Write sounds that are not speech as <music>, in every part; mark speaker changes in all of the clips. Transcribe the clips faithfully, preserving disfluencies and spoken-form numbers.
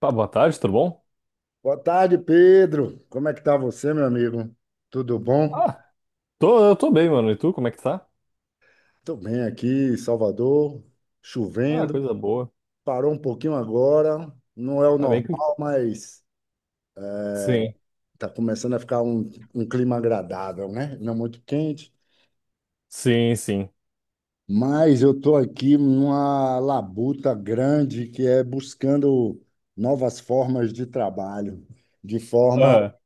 Speaker 1: Pá, boa tarde, tudo bom?
Speaker 2: Boa tarde, Pedro. Como é que tá você, meu amigo? Tudo bom?
Speaker 1: Ah, tô, eu tô bem, mano. E tu, como é que tá?
Speaker 2: Tô bem aqui em Salvador,
Speaker 1: Ah,
Speaker 2: chovendo.
Speaker 1: coisa boa.
Speaker 2: Parou um pouquinho agora. Não é o
Speaker 1: Tá bem que...
Speaker 2: normal, mas
Speaker 1: Sim,
Speaker 2: tá começando a ficar um, um clima agradável, né? Não muito quente.
Speaker 1: sim, sim.
Speaker 2: Mas eu tô aqui numa labuta grande que é buscando novas formas de trabalho, de forma
Speaker 1: Ah,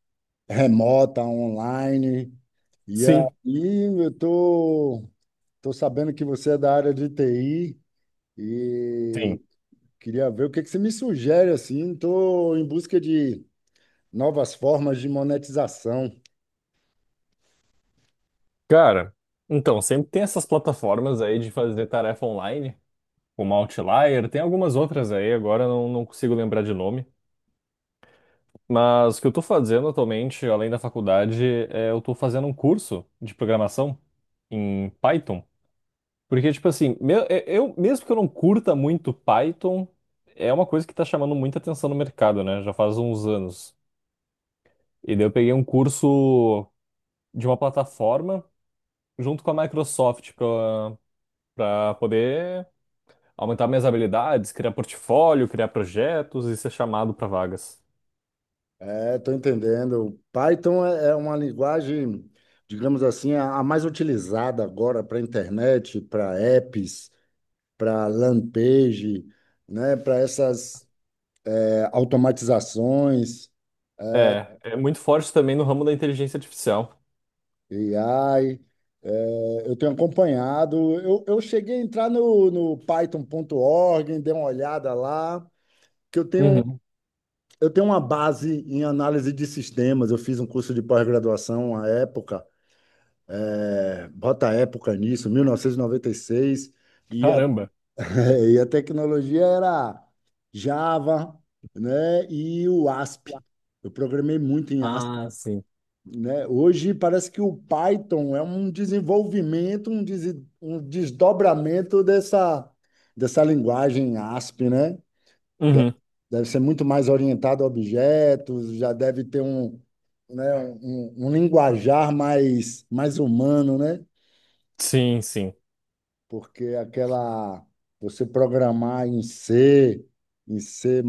Speaker 2: remota, online. E
Speaker 1: sim,
Speaker 2: aí eu tô Estou sabendo que você é da área de T I
Speaker 1: sim.
Speaker 2: e queria ver o que que você me sugere assim. Estou em busca de novas formas de monetização.
Speaker 1: Cara, então, sempre tem essas plataformas aí de fazer tarefa online, como Outlier, tem algumas outras aí, agora eu não, não consigo lembrar de nome. Mas o que eu tô fazendo atualmente, além da faculdade, é eu tô fazendo um curso de programação em Python. Porque, tipo assim, meu, eu, eu- mesmo que eu não curta muito Python, é uma coisa que tá chamando muita atenção no mercado, né? Já faz uns anos. E daí eu peguei um curso de uma plataforma junto com a Microsoft pra, pra poder aumentar minhas habilidades, criar portfólio, criar projetos e ser chamado pra vagas.
Speaker 2: É, estou entendendo. Python é é uma linguagem, digamos assim, a a mais utilizada agora para internet, para apps, para landing page, né, para essas é, automatizações.
Speaker 1: É, é muito forte também no ramo da inteligência artificial.
Speaker 2: E A I, é, eu tenho acompanhado. Eu, eu cheguei a entrar no, no python ponto org, dei uma olhada lá, que eu tenho,
Speaker 1: Uhum.
Speaker 2: eu tenho uma base em análise de sistemas. Eu fiz um curso de pós-graduação à época, é, bota a época nisso, mil novecentos e noventa e seis, e noventa e seis,
Speaker 1: Caramba.
Speaker 2: e a, <laughs> e a tecnologia era Java, né, e o A S P. Eu programei muito em
Speaker 1: Ah, sim.
Speaker 2: A S P, né? Hoje parece que o Python é um desenvolvimento, um, des- um desdobramento dessa, dessa linguagem A S P, né? De-
Speaker 1: Uhum.
Speaker 2: Deve ser muito mais orientado a objetos, já deve ter um, né, um, um linguajar mais, mais humano, né?
Speaker 1: Sim, sim.
Speaker 2: Porque aquela você programar em C, em C++,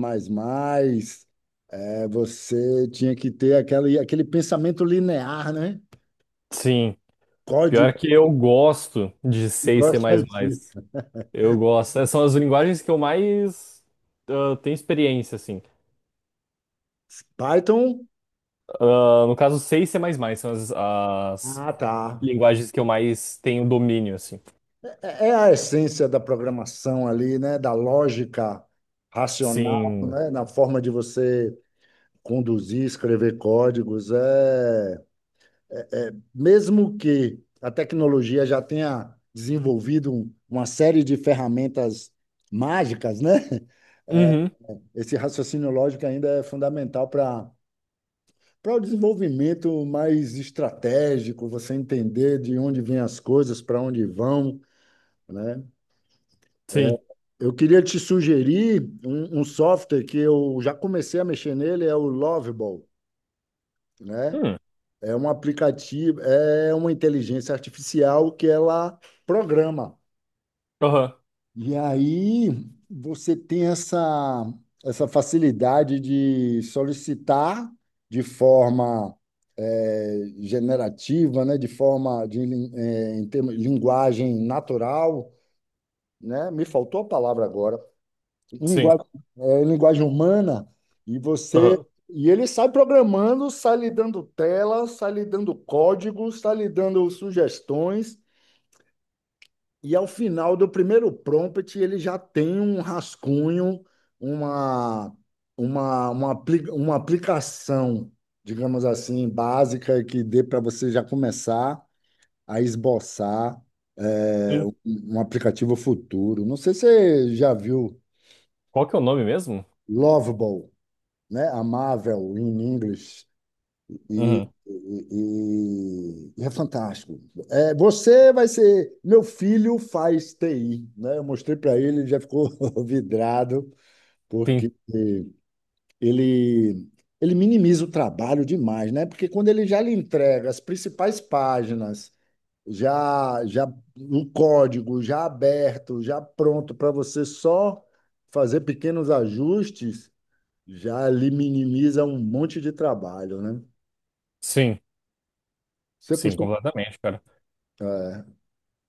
Speaker 2: é, você tinha que ter aquele, aquele pensamento linear, né?
Speaker 1: Sim. Pior
Speaker 2: Código
Speaker 1: que eu gosto de C e C++.
Speaker 2: gosta disso.
Speaker 1: Eu gosto. Essas são as linguagens que eu mais ah, tenho experiência, assim.
Speaker 2: Python?
Speaker 1: Ah, no caso, C e C++ são as, as
Speaker 2: Ah, tá.
Speaker 1: linguagens que eu mais tenho domínio, assim.
Speaker 2: É é a essência da programação ali, né? Da lógica racional,
Speaker 1: Sim.
Speaker 2: né? Na forma de você conduzir, escrever códigos. É... Mesmo que a tecnologia já tenha desenvolvido um- uma série de ferramentas mágicas, né? É,
Speaker 1: Uhum.
Speaker 2: esse raciocínio lógico ainda é fundamental para para o desenvolvimento mais estratégico, você entender de onde vêm as coisas, para onde vão, né?
Speaker 1: Sim.
Speaker 2: Eu queria te sugerir um, um software que eu já comecei a mexer nele, é o Lovable, né?
Speaker 1: Hum.
Speaker 2: É um aplicativo, é uma inteligência artificial que ela programa.
Speaker 1: Aham.
Speaker 2: E aí você tem essa, essa facilidade de solicitar de forma eh, generativa, né, de forma de lin- eh, em termos- linguagem natural, né? Me faltou a palavra agora. em
Speaker 1: Sim.
Speaker 2: linguagem, é, em linguagem humana, e você.
Speaker 1: Aham.
Speaker 2: E ele sai programando, sai lhe dando tela, sai lhe dando código, sai lhe dando sugestões, e ao final do primeiro prompt, ele já tem um rascunho, uma, uma, uma, apli- uma aplicação, digamos assim, básica, que dê para você já começar a esboçar, é,
Speaker 1: Sim.
Speaker 2: um um aplicativo futuro. Não sei se você já viu
Speaker 1: Qual que é o nome mesmo?
Speaker 2: Lovable, né? Amável in English e,
Speaker 1: Uhum.
Speaker 2: e, e e é fantástico. É, você vai ser. Meu filho faz T I, né? Eu mostrei para ele, ele já ficou <laughs> vidrado,
Speaker 1: Sim.
Speaker 2: porque ele ele minimiza o trabalho demais, né? Porque quando ele já lhe entrega as principais páginas, já já um código já aberto, já pronto para você só fazer pequenos ajustes, já lhe minimiza um monte de trabalho, né?
Speaker 1: Sim.
Speaker 2: Você
Speaker 1: Sim,
Speaker 2: costuma,
Speaker 1: completamente, cara.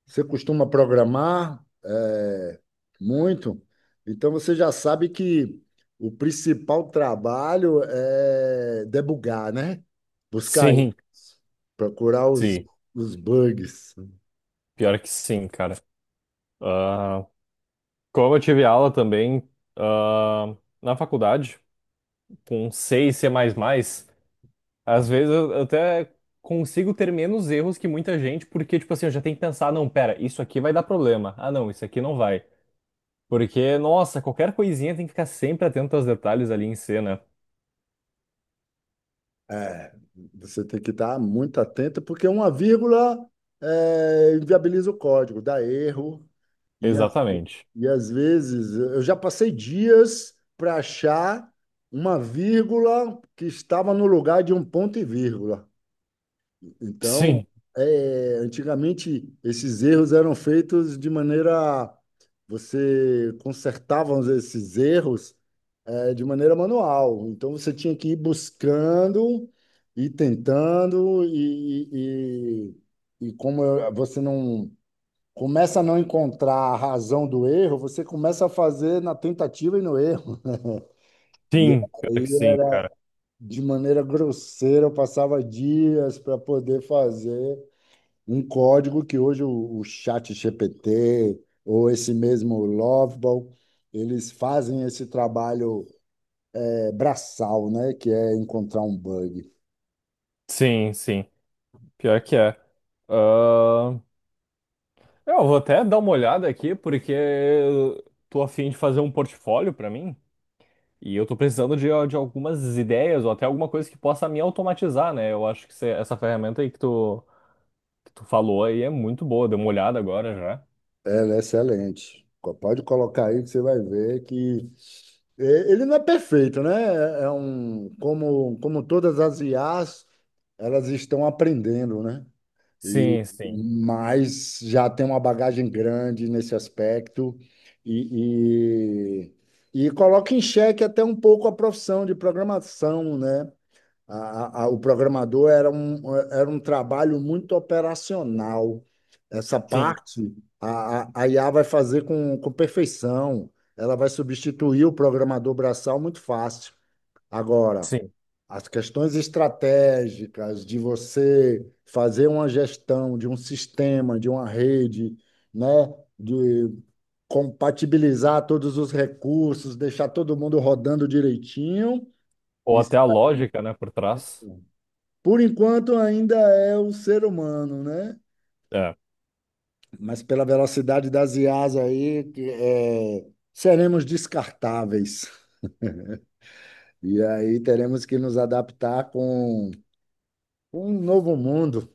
Speaker 2: você costuma programar é, muito, então você já sabe que o principal trabalho é debugar, né? Buscar,
Speaker 1: Sim.
Speaker 2: procurar os,
Speaker 1: Sim.
Speaker 2: os bugs.
Speaker 1: Pior que sim, cara. Ah, como eu tive aula também ah, na faculdade, com C e C++, às vezes eu eu até consigo ter menos erros que muita gente, porque, tipo assim, eu já tenho que pensar, não, pera, isso aqui vai dar problema. Ah, não, isso aqui não vai. Porque, nossa, qualquer coisinha tem que ficar sempre atento aos detalhes ali em C, né?
Speaker 2: É, você tem que estar muito atento, porque uma vírgula é, inviabiliza o código, dá erro, e
Speaker 1: Exatamente.
Speaker 2: E às vezes eu já passei dias para achar uma vírgula que estava no lugar de um ponto e vírgula. Então,
Speaker 1: Sim,
Speaker 2: é, antigamente esses erros eram feitos de maneira. Você consertava esses erros, é, de maneira manual. Então, você tinha que ir buscando e tentando, e, e, e e como você não começa a não encontrar a razão do erro, você começa a fazer na tentativa e no erro. E
Speaker 1: sim, pior
Speaker 2: aí,
Speaker 1: que sim,
Speaker 2: é,
Speaker 1: cara.
Speaker 2: de maneira grosseira, eu passava dias para poder fazer um código que hoje o, o chat G P T ou esse mesmo Loveball, eles fazem esse trabalho é, braçal, né? Que é encontrar um bug.
Speaker 1: Sim, sim, pior que é. Ahn, Eu vou até dar uma olhada aqui, porque eu tô a fim de fazer um portfólio pra mim. E eu tô precisando de, de algumas ideias ou até alguma coisa que possa me automatizar, né? Eu acho que cê- essa ferramenta aí que tu, que tu falou aí é muito boa. Dei uma olhada agora já.
Speaker 2: Ela é, né, excelente. Co- Pode colocar aí que você vai ver que é, ele não é perfeito, né? É é um como como todas as I As, elas estão aprendendo, né? E
Speaker 1: Sim, sim,
Speaker 2: mas já tem uma bagagem grande nesse aspecto e, e, e coloca em xeque até um pouco a profissão de programação, né? A- a- o programador era um, era um trabalho muito operacional. Essa
Speaker 1: sim,
Speaker 2: parte a, a, a I A vai fazer com, com perfeição. Ela vai substituir o programador braçal muito fácil. Agora,
Speaker 1: sim.
Speaker 2: as questões estratégicas de você fazer uma gestão de um sistema, de uma rede, né, de compatibilizar todos os recursos, deixar todo mundo rodando direitinho.
Speaker 1: Ou
Speaker 2: Isso.
Speaker 1: até a lógica, né, por trás.
Speaker 2: Por enquanto ainda é o ser humano, né?
Speaker 1: É.
Speaker 2: Mas pela velocidade das I As aí, que, é, seremos descartáveis. E aí teremos que nos adaptar com um novo mundo,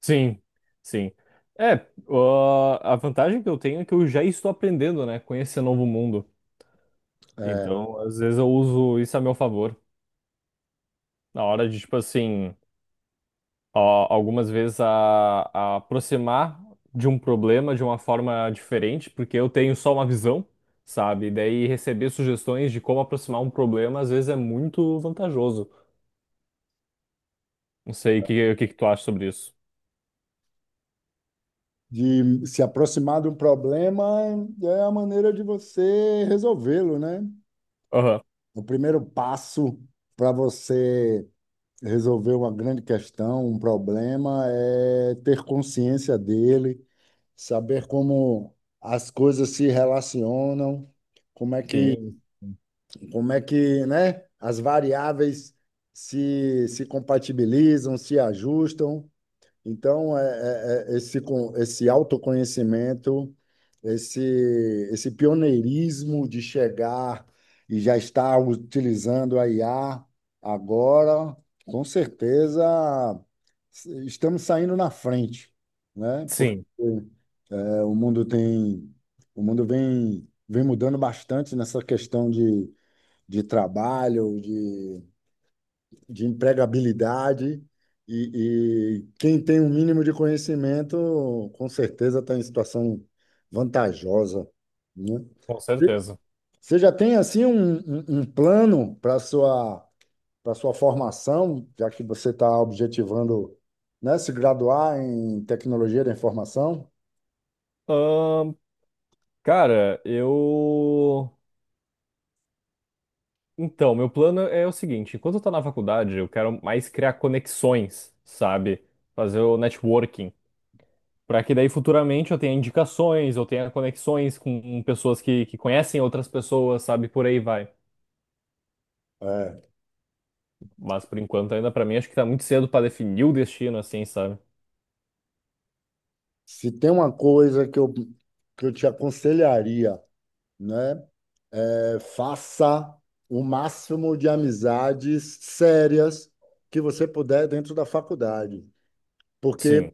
Speaker 1: Sim, sim. É, ó, a vantagem que eu tenho é que eu já estou aprendendo, né, com esse novo mundo. Então, às vezes eu uso isso a meu favor. Na hora de, tipo assim. Ó, algumas vezes a, a aproximar de um problema de uma forma diferente, porque eu tenho só uma visão, sabe? E daí receber sugestões de como aproximar um problema às vezes é muito vantajoso. Não sei o que, o que que tu acha sobre isso.
Speaker 2: de se aproximar de um problema é a maneira de você resolvê-lo, né?
Speaker 1: Aham.
Speaker 2: O primeiro passo para você resolver uma grande questão, um problema, é ter consciência dele, saber como as coisas se relacionam, como é que,
Speaker 1: Sim,
Speaker 2: como é que, né, as variáveis se, se compatibilizam, se ajustam. Então, é, é- é esse, con- esse autoconhecimento, esse, esse pioneirismo de chegar e já estar utilizando a I A agora, com certeza s- estamos saindo na frente, né? Porque
Speaker 1: sim,
Speaker 2: é, o mundo tem, o mundo vem, vem mudando bastante nessa questão de, de trabalho, de empregabilidade e, e quem tem um mínimo de conhecimento, com certeza está em situação vantajosa, né?
Speaker 1: com
Speaker 2: Você
Speaker 1: certeza.
Speaker 2: você já tem assim um, um- um plano para sua para sua formação, já que você está objetivando, né, se graduar em tecnologia da informação?
Speaker 1: Ahn, cara, eu. Então, meu plano é o seguinte: enquanto eu tô na faculdade, eu quero mais criar conexões, sabe? Fazer o networking. Para que daí futuramente eu tenha indicações, eu tenha conexões com pessoas que, que conhecem outras pessoas, sabe? Por aí vai.
Speaker 2: É,
Speaker 1: Mas por enquanto ainda para mim acho que tá muito cedo para definir o destino assim, sabe?
Speaker 2: Se tem uma coisa que eu, que eu te aconselharia, né? É, faça o máximo de amizades sérias que você puder dentro da faculdade, porque
Speaker 1: Sim,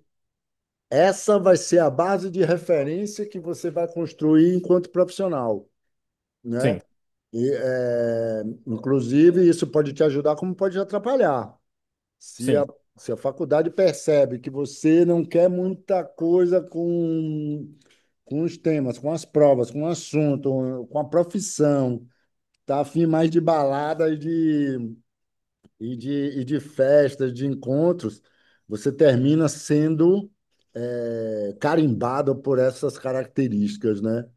Speaker 2: essa vai ser a base de referência que você vai construir enquanto profissional, né?
Speaker 1: sim,
Speaker 2: E, é, inclusive, isso pode te ajudar, como pode te atrapalhar. Se a,
Speaker 1: sim,
Speaker 2: se a faculdade percebe que você não quer muita coisa com, com os temas, com as provas, com o assunto, com a profissão. Tá afim mais de baladas de, e, de, e de festas, de encontros, você termina sendo é, carimbado por essas características, né?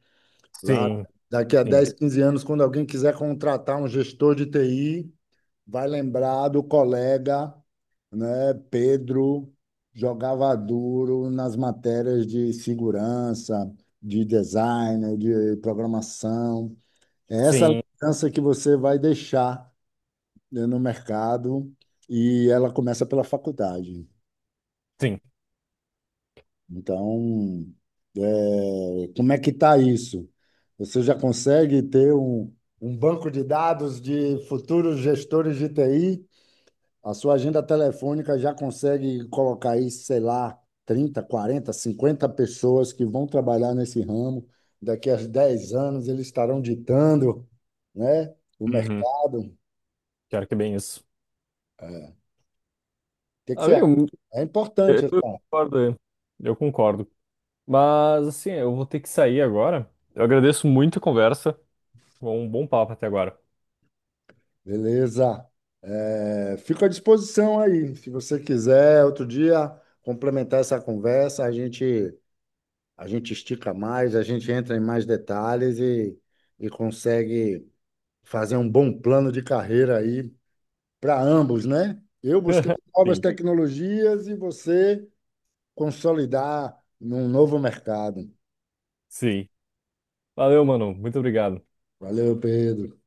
Speaker 2: Lá,
Speaker 1: sim,
Speaker 2: daqui a
Speaker 1: sim,
Speaker 2: dez quinze anos, quando alguém quiser contratar um gestor de T I, vai lembrar do colega, né? Pedro jogava duro nas matérias de segurança, de design, de programação. É essa
Speaker 1: sim,
Speaker 2: lembrança que você vai deixar, né, no mercado, e ela começa pela faculdade.
Speaker 1: sim.
Speaker 2: Então, é, como é que está isso? Você já consegue ter um, um banco de dados de futuros gestores de T I? A sua agenda telefônica já consegue colocar aí, sei lá, trinta quarenta cinquenta pessoas que vão trabalhar nesse ramo. Daqui a dez anos eles estarão ditando, né, o
Speaker 1: Uhum.
Speaker 2: mercado. O
Speaker 1: Quero que é bem isso.
Speaker 2: que que você acha?
Speaker 1: Amigo,
Speaker 2: É
Speaker 1: eu
Speaker 2: importante,
Speaker 1: eu
Speaker 2: tá?
Speaker 1: concordo. Eu concordo. Mas assim, eu vou ter que sair agora. Eu agradeço muito a conversa. Foi um bom papo até agora.
Speaker 2: Beleza. É, fico à disposição aí. Se você quiser, outro dia, complementar essa conversa, a gente, a gente estica mais, a gente entra em mais detalhes e, e consegue fazer um bom plano de carreira aí para ambos, né? Eu buscando
Speaker 1: <laughs>
Speaker 2: novas
Speaker 1: Sim,
Speaker 2: tecnologias e você consolidar num novo mercado.
Speaker 1: sim. Valeu, mano. Muito obrigado.
Speaker 2: Valeu, Pedro.